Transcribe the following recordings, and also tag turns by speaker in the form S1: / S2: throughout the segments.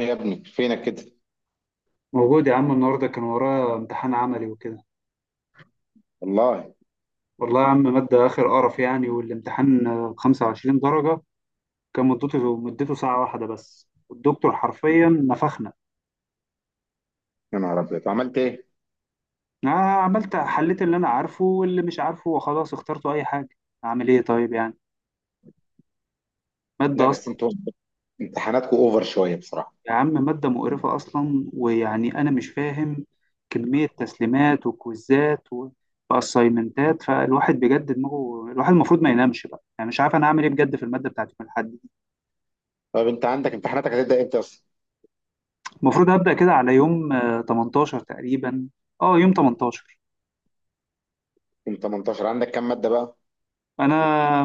S1: إيه يا ابني فينك كده؟
S2: موجود يا عم النهارده كان ورايا امتحان عملي وكده.
S1: والله.
S2: والله يا عم مادة آخر قرف يعني، والامتحان 25 درجة. كان مدته ساعة واحدة بس الدكتور حرفيا نفخنا.
S1: يا نهار ابيض، عملت ايه؟
S2: أنا عملت حليت اللي أنا عارفه واللي مش عارفه وخلاص اخترته أي حاجة. أعمل إيه طيب يعني؟
S1: لا
S2: مادة
S1: بس
S2: أصلا.
S1: انتوا امتحاناتكم اوفر شويه بصراحه.
S2: يا عم مادة مقرفة أصلا ويعني أنا مش فاهم كمية تسليمات وكويزات وأسايمنتات، فالواحد بجد دماغه، الواحد المفروض ما ينامش بقى، يعني مش عارف أنا أعمل إيه بجد في المادة بتاعت يوم الأحد.
S1: طب انت عندك امتحاناتك هتبدا امتى اصلا؟
S2: المفروض هبدأ كده على يوم 18 تقريبا، اه يوم 18.
S1: يوم 18 عندك كام ماده بقى؟
S2: انا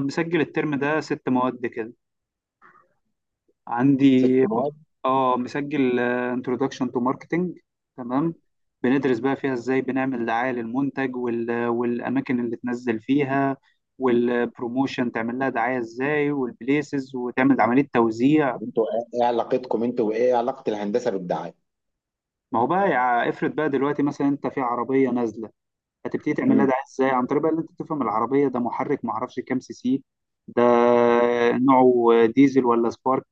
S2: مسجل الترم ده ست مواد كده،
S1: ست
S2: عندي
S1: مواد.
S2: اه مسجل introduction to marketing. تمام. بندرس بقى فيها ازاي بنعمل دعاية للمنتج والاماكن اللي تنزل فيها، والبروموشن تعمل لها دعاية ازاي، والبليسز وتعمل عملية توزيع.
S1: طب انتوا إيه علاقتكم انتوا، وايه علاقه الهندسه بالدعايه؟
S2: ما هو بقى افرض بقى دلوقتي مثلا انت في عربية نازلة، هتبتدي تعملها
S1: امم
S2: ده ازاي؟ عن طريق بقى ان انت تفهم العربيه ده محرك ما اعرفش كام سي سي. ده نوعه ديزل ولا سبارك.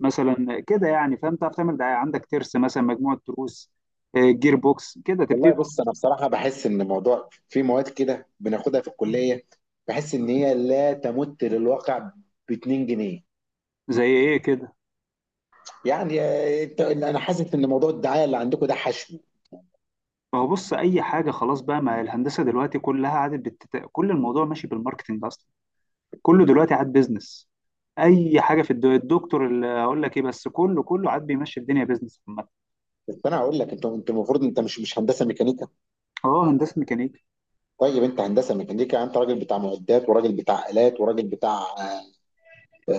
S2: مثلا كده يعني، فاهم، تعرف تعمل ده، عندك ترس مثلا، مجموعه تروس، جير بوكس كده
S1: والله،
S2: تبتدي.
S1: بص انا بصراحه بحس ان الموضوع في مواد كده بناخدها في الكليه، بحس ان هي لا تمت للواقع ب 2 جنيه.
S2: زي ايه كده؟
S1: يعني انا حاسس ان موضوع الدعايه اللي عندكم ده حشو.
S2: ما هو بص اي حاجه خلاص بقى، ما الهندسه دلوقتي كلها عادت كل الموضوع ماشي بالماركتنج اصلا. كله دلوقتي عاد بيزنس. اي حاجه في الدكتور اللي اقول لك ايه، بس كله عاد بيمشي الدنيا بيزنس عامه.
S1: بس انا هقول لك، انتوا المفروض انت مش هندسه ميكانيكا.
S2: اه هندسه ميكانيكا.
S1: طيب، انت هندسه ميكانيكا، انت راجل بتاع معدات، وراجل بتاع الات، وراجل بتاع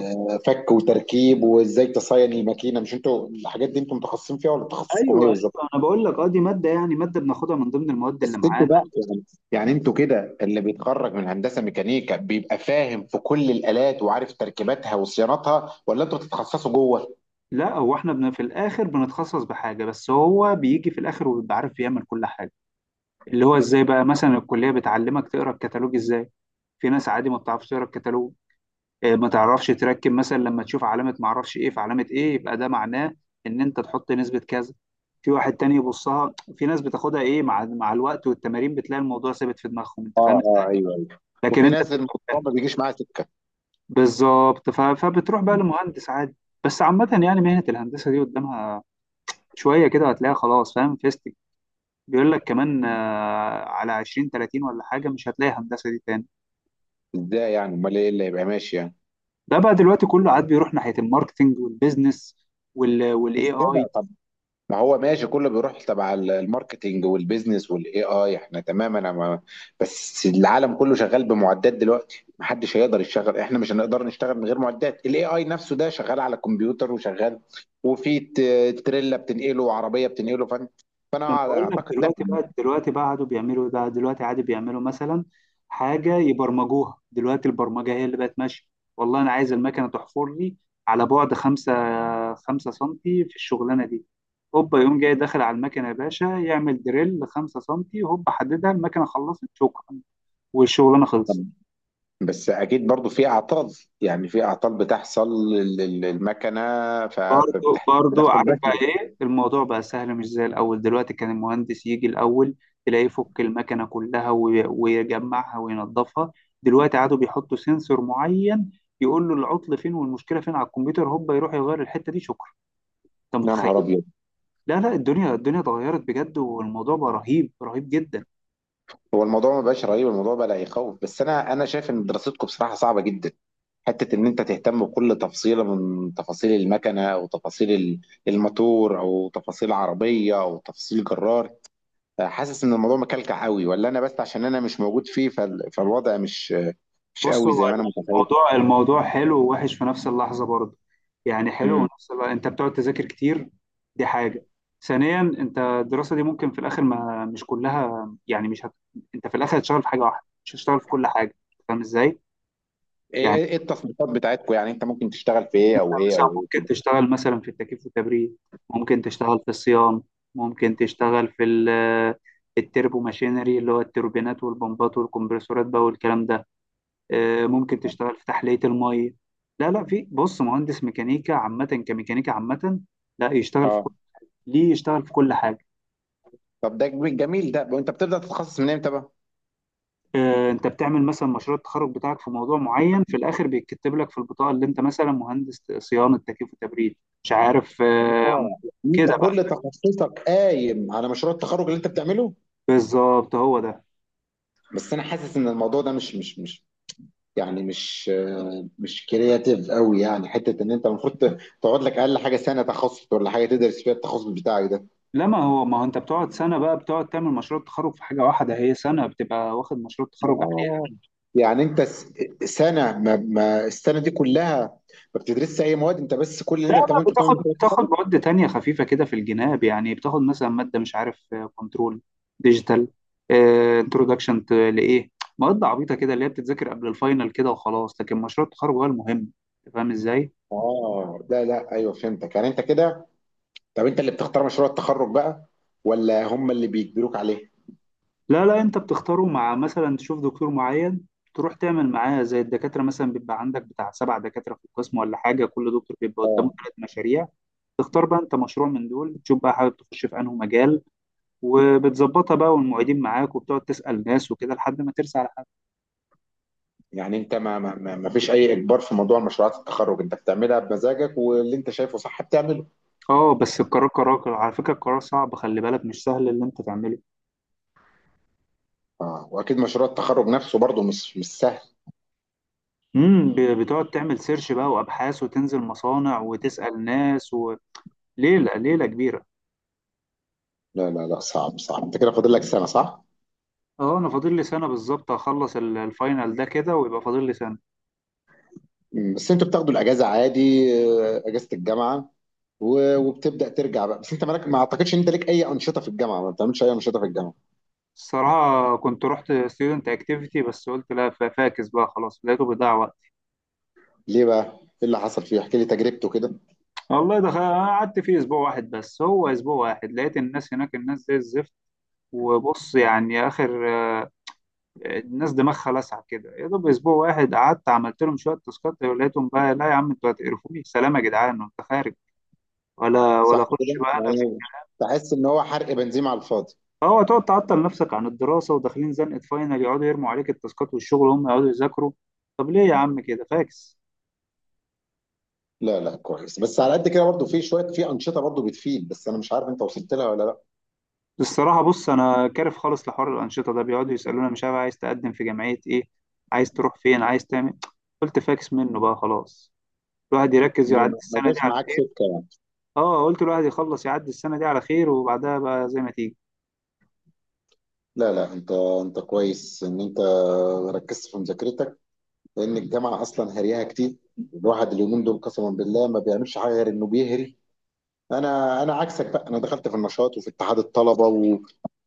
S1: فك وتركيب، وازاي تصين الماكينه. مش انتوا الحاجات دي انتوا متخصصين فيها، ولا تخصصكم ايه
S2: ايوه
S1: بالظبط؟
S2: ايوه، انا بقول لك اه دي ماده يعني، ماده بناخدها من ضمن المواد اللي
S1: بس انتوا
S2: معانا.
S1: بقى، يعني يعني انتوا كده اللي بيتخرج من هندسه ميكانيكا بيبقى فاهم في كل الالات وعارف تركيباتها وصيانتها، ولا انتوا بتتخصصوا جوه؟
S2: لا، هو احنا في الاخر بنتخصص بحاجه، بس هو بيجي في الاخر وبيبقى عارف يعمل كل حاجه. اللي هو ازاي بقى مثلا الكليه بتعلمك تقرا الكتالوج ازاي. في ناس عادي ما بتعرفش تقرا الكتالوج، ما تعرفش تركب مثلا، لما تشوف علامه ما اعرفش ايه، في علامه ايه يبقى ده معناه ان انت تحط نسبه كذا. في واحد تاني يبصها. في ناس بتاخدها ايه مع الوقت والتمارين، بتلاقي الموضوع ثابت في دماغهم، انت فاهم.
S1: اه اه، ايوه ايوه.
S2: لكن
S1: وفي
S2: انت
S1: ناس الموضوع
S2: بتبقى
S1: ما بيجيش معاها سكه.
S2: بالظبط فبتروح بقى
S1: مم.
S2: لمهندس عادي. بس عامة يعني مهنة الهندسة دي قدامها شوية كده، هتلاقيها خلاص، فاهم فيستك بيقول لك كمان على 20 30 ولا حاجة مش هتلاقي هندسة دي تاني.
S1: ازاي يعني؟ امال ايه اللي هيبقى ماشي يعني؟
S2: ده بقى دلوقتي كله عاد بيروح ناحية الماركتينج والبيزنس وال
S1: مش
S2: والاي اي.
S1: كده، ما هو ماشي كله بيروح تبع الماركتينج والبيزنس والاي اي. احنا تمام، انا ما. بس العالم كله شغال بمعدات دلوقتي، محدش هيقدر يشتغل، احنا مش هنقدر نشتغل من غير معدات. الاي اي نفسه ده شغال على كمبيوتر وشغال، وفي تريلا بتنقله وعربيه بتنقله. فانا
S2: ما أنا
S1: فانا
S2: بقول لك
S1: اعتقد لا.
S2: دلوقتي بقى قعدوا بيعملوا ده، دلوقتي عادي بيعملوا مثلا حاجة يبرمجوها. دلوقتي البرمجة هي اللي بقت ماشية. والله أنا عايز المكنة تحفر لي على بعد خمسة سنتي في الشغلانة دي، هوبا يقوم جاي داخل على المكنة يا باشا يعمل دريل خمسة سنتي، هوبا حددها، المكنة خلصت، شكرا، والشغلانة خلصت.
S1: طب بس اكيد برضو في اعطال، يعني في اعطال بتحصل للمكنه،
S2: برضو
S1: فبتدخل
S2: عارف بقى
S1: بشري.
S2: ايه الموضوع؟ بقى سهل مش زي الاول، دلوقتي كان المهندس يجي الاول تلاقيه يفك المكنه كلها ويجمعها وينظفها. دلوقتي عادوا بيحطوا سنسور معين يقول له العطل فين والمشكله فين على الكمبيوتر، هوبا يروح يغير الحته دي، شكرا. انت
S1: يا نهار
S2: متخيل؟
S1: ابيض.
S2: لا لا، الدنيا اتغيرت بجد، والموضوع بقى رهيب رهيب جدا.
S1: هو الموضوع ما بقاش رهيب، الموضوع بقى لا يخوف. بس انا شايف ان دراستكم بصراحه صعبه جدا. حته ان انت تهتم بكل تفصيله من تفاصيل المكنه، او تفاصيل الموتور، او تفاصيل عربيه، او تفاصيل جرار. حاسس ان الموضوع مكلكع قوي، ولا انا بس عشان انا مش موجود فيه فالوضع مش
S2: بص
S1: قوي
S2: هو
S1: زي ما انا متخيل.
S2: الموضوع حلو ووحش في نفس اللحظة برضه، يعني حلو
S1: امم
S2: ونفس اللحظة. انت بتقعد تذاكر كتير، دي حاجة. ثانيا، انت الدراسة دي ممكن في الاخر ما مش كلها، يعني مش هت... انت في الاخر هتشتغل في حاجة واحدة، مش هتشتغل في كل حاجة. فاهم ازاي؟
S1: ايه
S2: يعني
S1: ايه إيه التصنيفات بتاعتكم، يعني انت ممكن تشتغل في ايه
S2: انت
S1: او ايه
S2: مثلا
S1: او ايه؟
S2: ممكن تشتغل مثلا في التكييف والتبريد، ممكن تشتغل في الصيانة، ممكن تشتغل في التربو ماشينري اللي هو التوربينات والبمبات والكمبرسورات بقى والكلام ده، ممكن تشتغل في تحلية المية. لا لا، في بص مهندس ميكانيكا عامة كميكانيكا عامة لا يشتغل في كل، ليه يشتغل في كل حاجة.
S1: طب ده جميل ده. وانت بتبدا تتخصص من امتى بقى؟
S2: انت بتعمل مثلا مشروع التخرج بتاعك في موضوع معين، في الاخر بيتكتب لك في البطاقة اللي انت مثلا مهندس صيانة تكييف وتبريد، مش عارف
S1: اه، انت
S2: كده بقى.
S1: كل تخصصك قايم على مشروع التخرج اللي انت بتعمله.
S2: بالظبط هو ده.
S1: بس انا حاسس ان الموضوع ده مش يعني مش كرياتيف قوي. يعني حته ان انت المفروض تقعد لك اقل حاجه سنه تخصص، ولا حاجه تدرس فيها التخصص بتاعك ده.
S2: لا، ما هو انت بتقعد سنة بقى، بتقعد تعمل مشروع التخرج في حاجة واحدة، هي سنة بتبقى واخد مشروع التخرج.
S1: اه، يعني انت سنه، ما السنه دي كلها ما بتدرسش اي مواد، انت بس كل اللي
S2: لا
S1: انت
S2: لا،
S1: بتعمله انت بتعمل
S2: بتاخد
S1: مشروع
S2: بتاخد
S1: التخرج.
S2: مواد تانية خفيفة كده في الجناب، يعني بتاخد مثلا مادة مش عارف كنترول ديجيتال، انترودكشن لإيه، مواد عبيطة كده اللي هي بتتذاكر قبل الفاينل كده وخلاص، لكن مشروع التخرج هو المهم. أنت فاهم ازاي؟
S1: اه، لا لا، ايوه، فهمتك، يعني انت كده. طب انت اللي بتختار مشروع التخرج بقى، ولا هم اللي بيجبروك عليه؟
S2: لا لا، انت بتختاره، مع مثلا تشوف دكتور معين تروح تعمل معاه، زي الدكاترة مثلا بيبقى عندك بتاع سبع دكاترة في القسم ولا حاجة، كل دكتور بيبقى قدامه
S1: اه،
S2: ثلاث مشاريع. تختار بقى انت مشروع من دول، تشوف بقى حابب تخش في انه مجال، وبتظبطها بقى، والمعيدين معاك، وبتقعد تسأل ناس وكده لحد ما ترسى على حد.
S1: يعني انت ما فيش اي اجبار في موضوع مشروعات التخرج، انت بتعملها بمزاجك، واللي انت شايفه صح بتعمله.
S2: اه بس القرار قرار على فكرة، القرار صعب، خلي بالك مش سهل اللي انت تعمله.
S1: اه، واكيد مشروع التخرج نفسه برضه مش سهل.
S2: بتقعد تعمل سيرش بقى وابحاث وتنزل مصانع وتسأل ناس، وليلة ليلة كبيرة.
S1: لا لا لا، صعب صعب. انت كده فاضل لك سنه، صح؟
S2: اه انا فاضل لي سنة بالظبط، هخلص الفاينل ده كده ويبقى فاضل لي سنة.
S1: مم، بس انتوا بتاخدوا الاجازه عادي، اجازه الجامعه، وبتبدا ترجع بقى. بس انت مالك، ما اعتقدش ان انت ليك اي انشطه في الجامعه، ما بتعملش اي انشطه في الجامعه؟
S2: الصراحة كنت رحت ستودنت اكتيفيتي بس قلت لا، فاكس بقى خلاص، لقيته بيضيع وقت.
S1: ليه بقى؟ ايه اللي حصل فيه؟ احكي لي تجربته كده.
S2: والله دخل أنا قعدت فيه اسبوع واحد بس، هو اسبوع واحد لقيت الناس هناك، الناس زي الزفت، وبص يعني اخر الناس دماغها لسعة كده، يا دوب اسبوع واحد قعدت عملت لهم شويه تاسكات ولقيتهم بقى لا يا عم، انتوا هتقرفوني، سلام يا جدعان، انت خارج، ولا
S1: صح كده،
S2: اخش بقى انا في.
S1: يعني بحس ان هو حرق بنزين على الفاضي.
S2: هو تقعد تعطل نفسك عن الدراسه وداخلين زنقه فاينل، يقعدوا يرموا عليك التاسكات والشغل، هم يقعدوا يذاكروا. طب ليه يا عم كده؟ فاكس.
S1: لا لا كويس، بس على قد كده برضو في شويه، في انشطه برضو بتفيد، بس انا مش عارف انت وصلت لها ولا لا.
S2: الصراحه بص انا كارف خالص لحوار الانشطه ده، بيقعدوا يسالونا مش عارف عايز تقدم في جمعيه ايه، عايز تروح فين، عايز تعمل إيه؟ قلت فاكس منه بقى خلاص، الواحد يركز يعدي
S1: ما
S2: السنه دي
S1: جاش
S2: على،
S1: معاك سكه يعني.
S2: اه قلت الواحد يخلص يعدي السنة دي على خير، وبعدها بقى زي ما تيجي.
S1: لا لا، انت كويس ان انت ركزت في مذاكرتك، لان الجامعه اصلا هريها كتير. الواحد اليومين دول قسما بالله ما بيعملش حاجه غير انه بيهري. انا عكسك بقى، انا دخلت في النشاط، وفي اتحاد الطلبه و...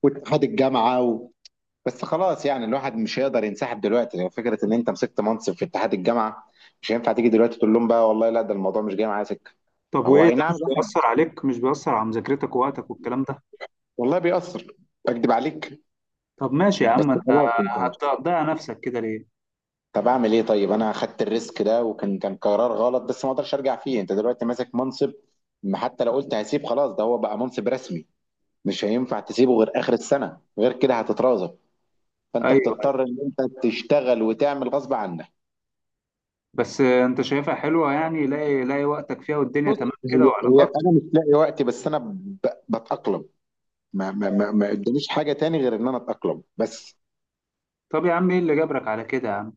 S1: واتحاد الجامعه و... بس خلاص، يعني الواحد مش هيقدر ينسحب دلوقتي، يعني فكره ان انت مسكت منصب في اتحاد الجامعه، مش هينفع تيجي دلوقتي تقول لهم بقى والله لا، ده الموضوع مش جاي معايا سكه.
S2: طب
S1: هو
S2: وايه،
S1: اي
S2: ده مش
S1: نعم،
S2: بيأثر عليك، مش بيأثر على مذاكرتك ووقتك والكلام ده؟
S1: والله بيأثر، اكدب عليك.
S2: طب ماشي يا
S1: بس
S2: عم انت،
S1: خلاص انت.
S2: هتضيع نفسك كده ليه؟
S1: طب اعمل ايه طيب؟ انا خدت الريسك ده، وكان كان قرار غلط، بس ما اقدرش ارجع فيه. انت دلوقتي ماسك منصب، ما حتى لو قلت هسيب خلاص، ده هو بقى منصب رسمي، مش هينفع تسيبه غير اخر السنه، غير كده هتترازب. فانت
S2: ايوه أيوة.
S1: بتضطر ان انت تشتغل وتعمل غصب عنك.
S2: بس انت شايفها حلوة يعني، لاقي لاقي وقتك فيها والدنيا
S1: بص،
S2: تمام كده
S1: هي
S2: وعلاقات؟
S1: انا مش لاقي وقتي، بس انا بتأقلم. ما قداميش حاجه تاني غير ان انا اتأقلم بس.
S2: طب يا عم ايه اللي جبرك على كده يا عم؟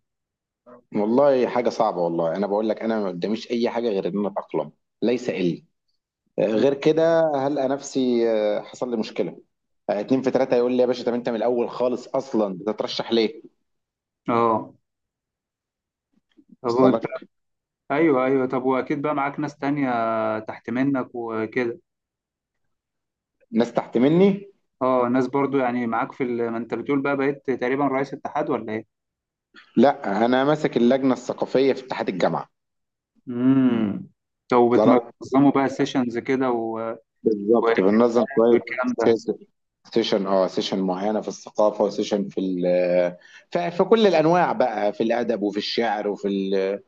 S1: والله حاجه صعبه، والله انا بقول لك، انا ما قداميش اي حاجه غير ان انا اتأقلم، ليس الا. غير كده هلقى نفسي حصل لي مشكله، اتنين في تلاته يقول لي يا باشا، طب انت من الاول خالص اصلا بتترشح ليه؟
S2: اه. طب
S1: وصل
S2: وانت؟
S1: لك.
S2: ايوه ايوه، طب واكيد بقى معاك ناس تانية تحت منك وكده.
S1: ناس تحت مني.
S2: اه ناس برضو يعني معاك في ما انت بتقول بقى بقيت تقريبا رئيس اتحاد ولا ايه؟
S1: لا، انا ماسك اللجنه الثقافيه في اتحاد الجامعه.
S2: امم. لو
S1: وصل لك.
S2: بتنظموا بقى سيشنز كده و-
S1: بالظبط، بننظم شويه
S2: والكلام ده.
S1: سيشن معينه في الثقافه، وسيشن في في كل الانواع بقى، في الادب، وفي الشعر، وفي.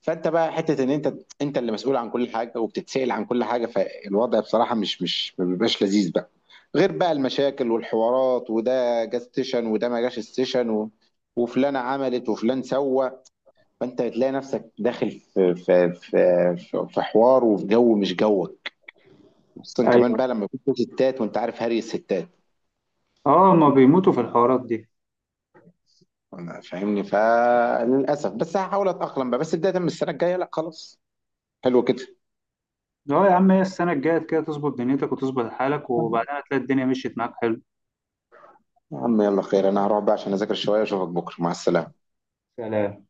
S1: فانت بقى حته ان انت اللي مسؤول عن كل حاجه وبتتسال عن كل حاجه، فالوضع بصراحه مش ما بيبقاش لذيذ بقى. غير بقى المشاكل والحوارات، وده جه ستيشن، وده ما جاش ستيشن و... وفلانه عملت، وفلان سوى. فانت بتلاقي نفسك داخل في حوار، وفي جو مش جوك. خصوصا كمان
S2: ايوه.
S1: بقى لما يكون في ستات، وانت عارف هري الستات.
S2: اه، ما بيموتوا في الحوارات دي.
S1: أنا فاهمني، فللاسف بس هحاول اتاقلم بقى، بس بدايه من السنه الجايه لا خلاص. حلو كده.
S2: اه يا عم، هي السنه الجايه كده تظبط دنيتك وتظبط حالك، وبعدها تلاقي الدنيا مشيت معاك حلو.
S1: يا عم يلا خير، انا هروح بقى عشان اذاكر شويه، اشوفك بكره، مع السلامه.
S2: سلام.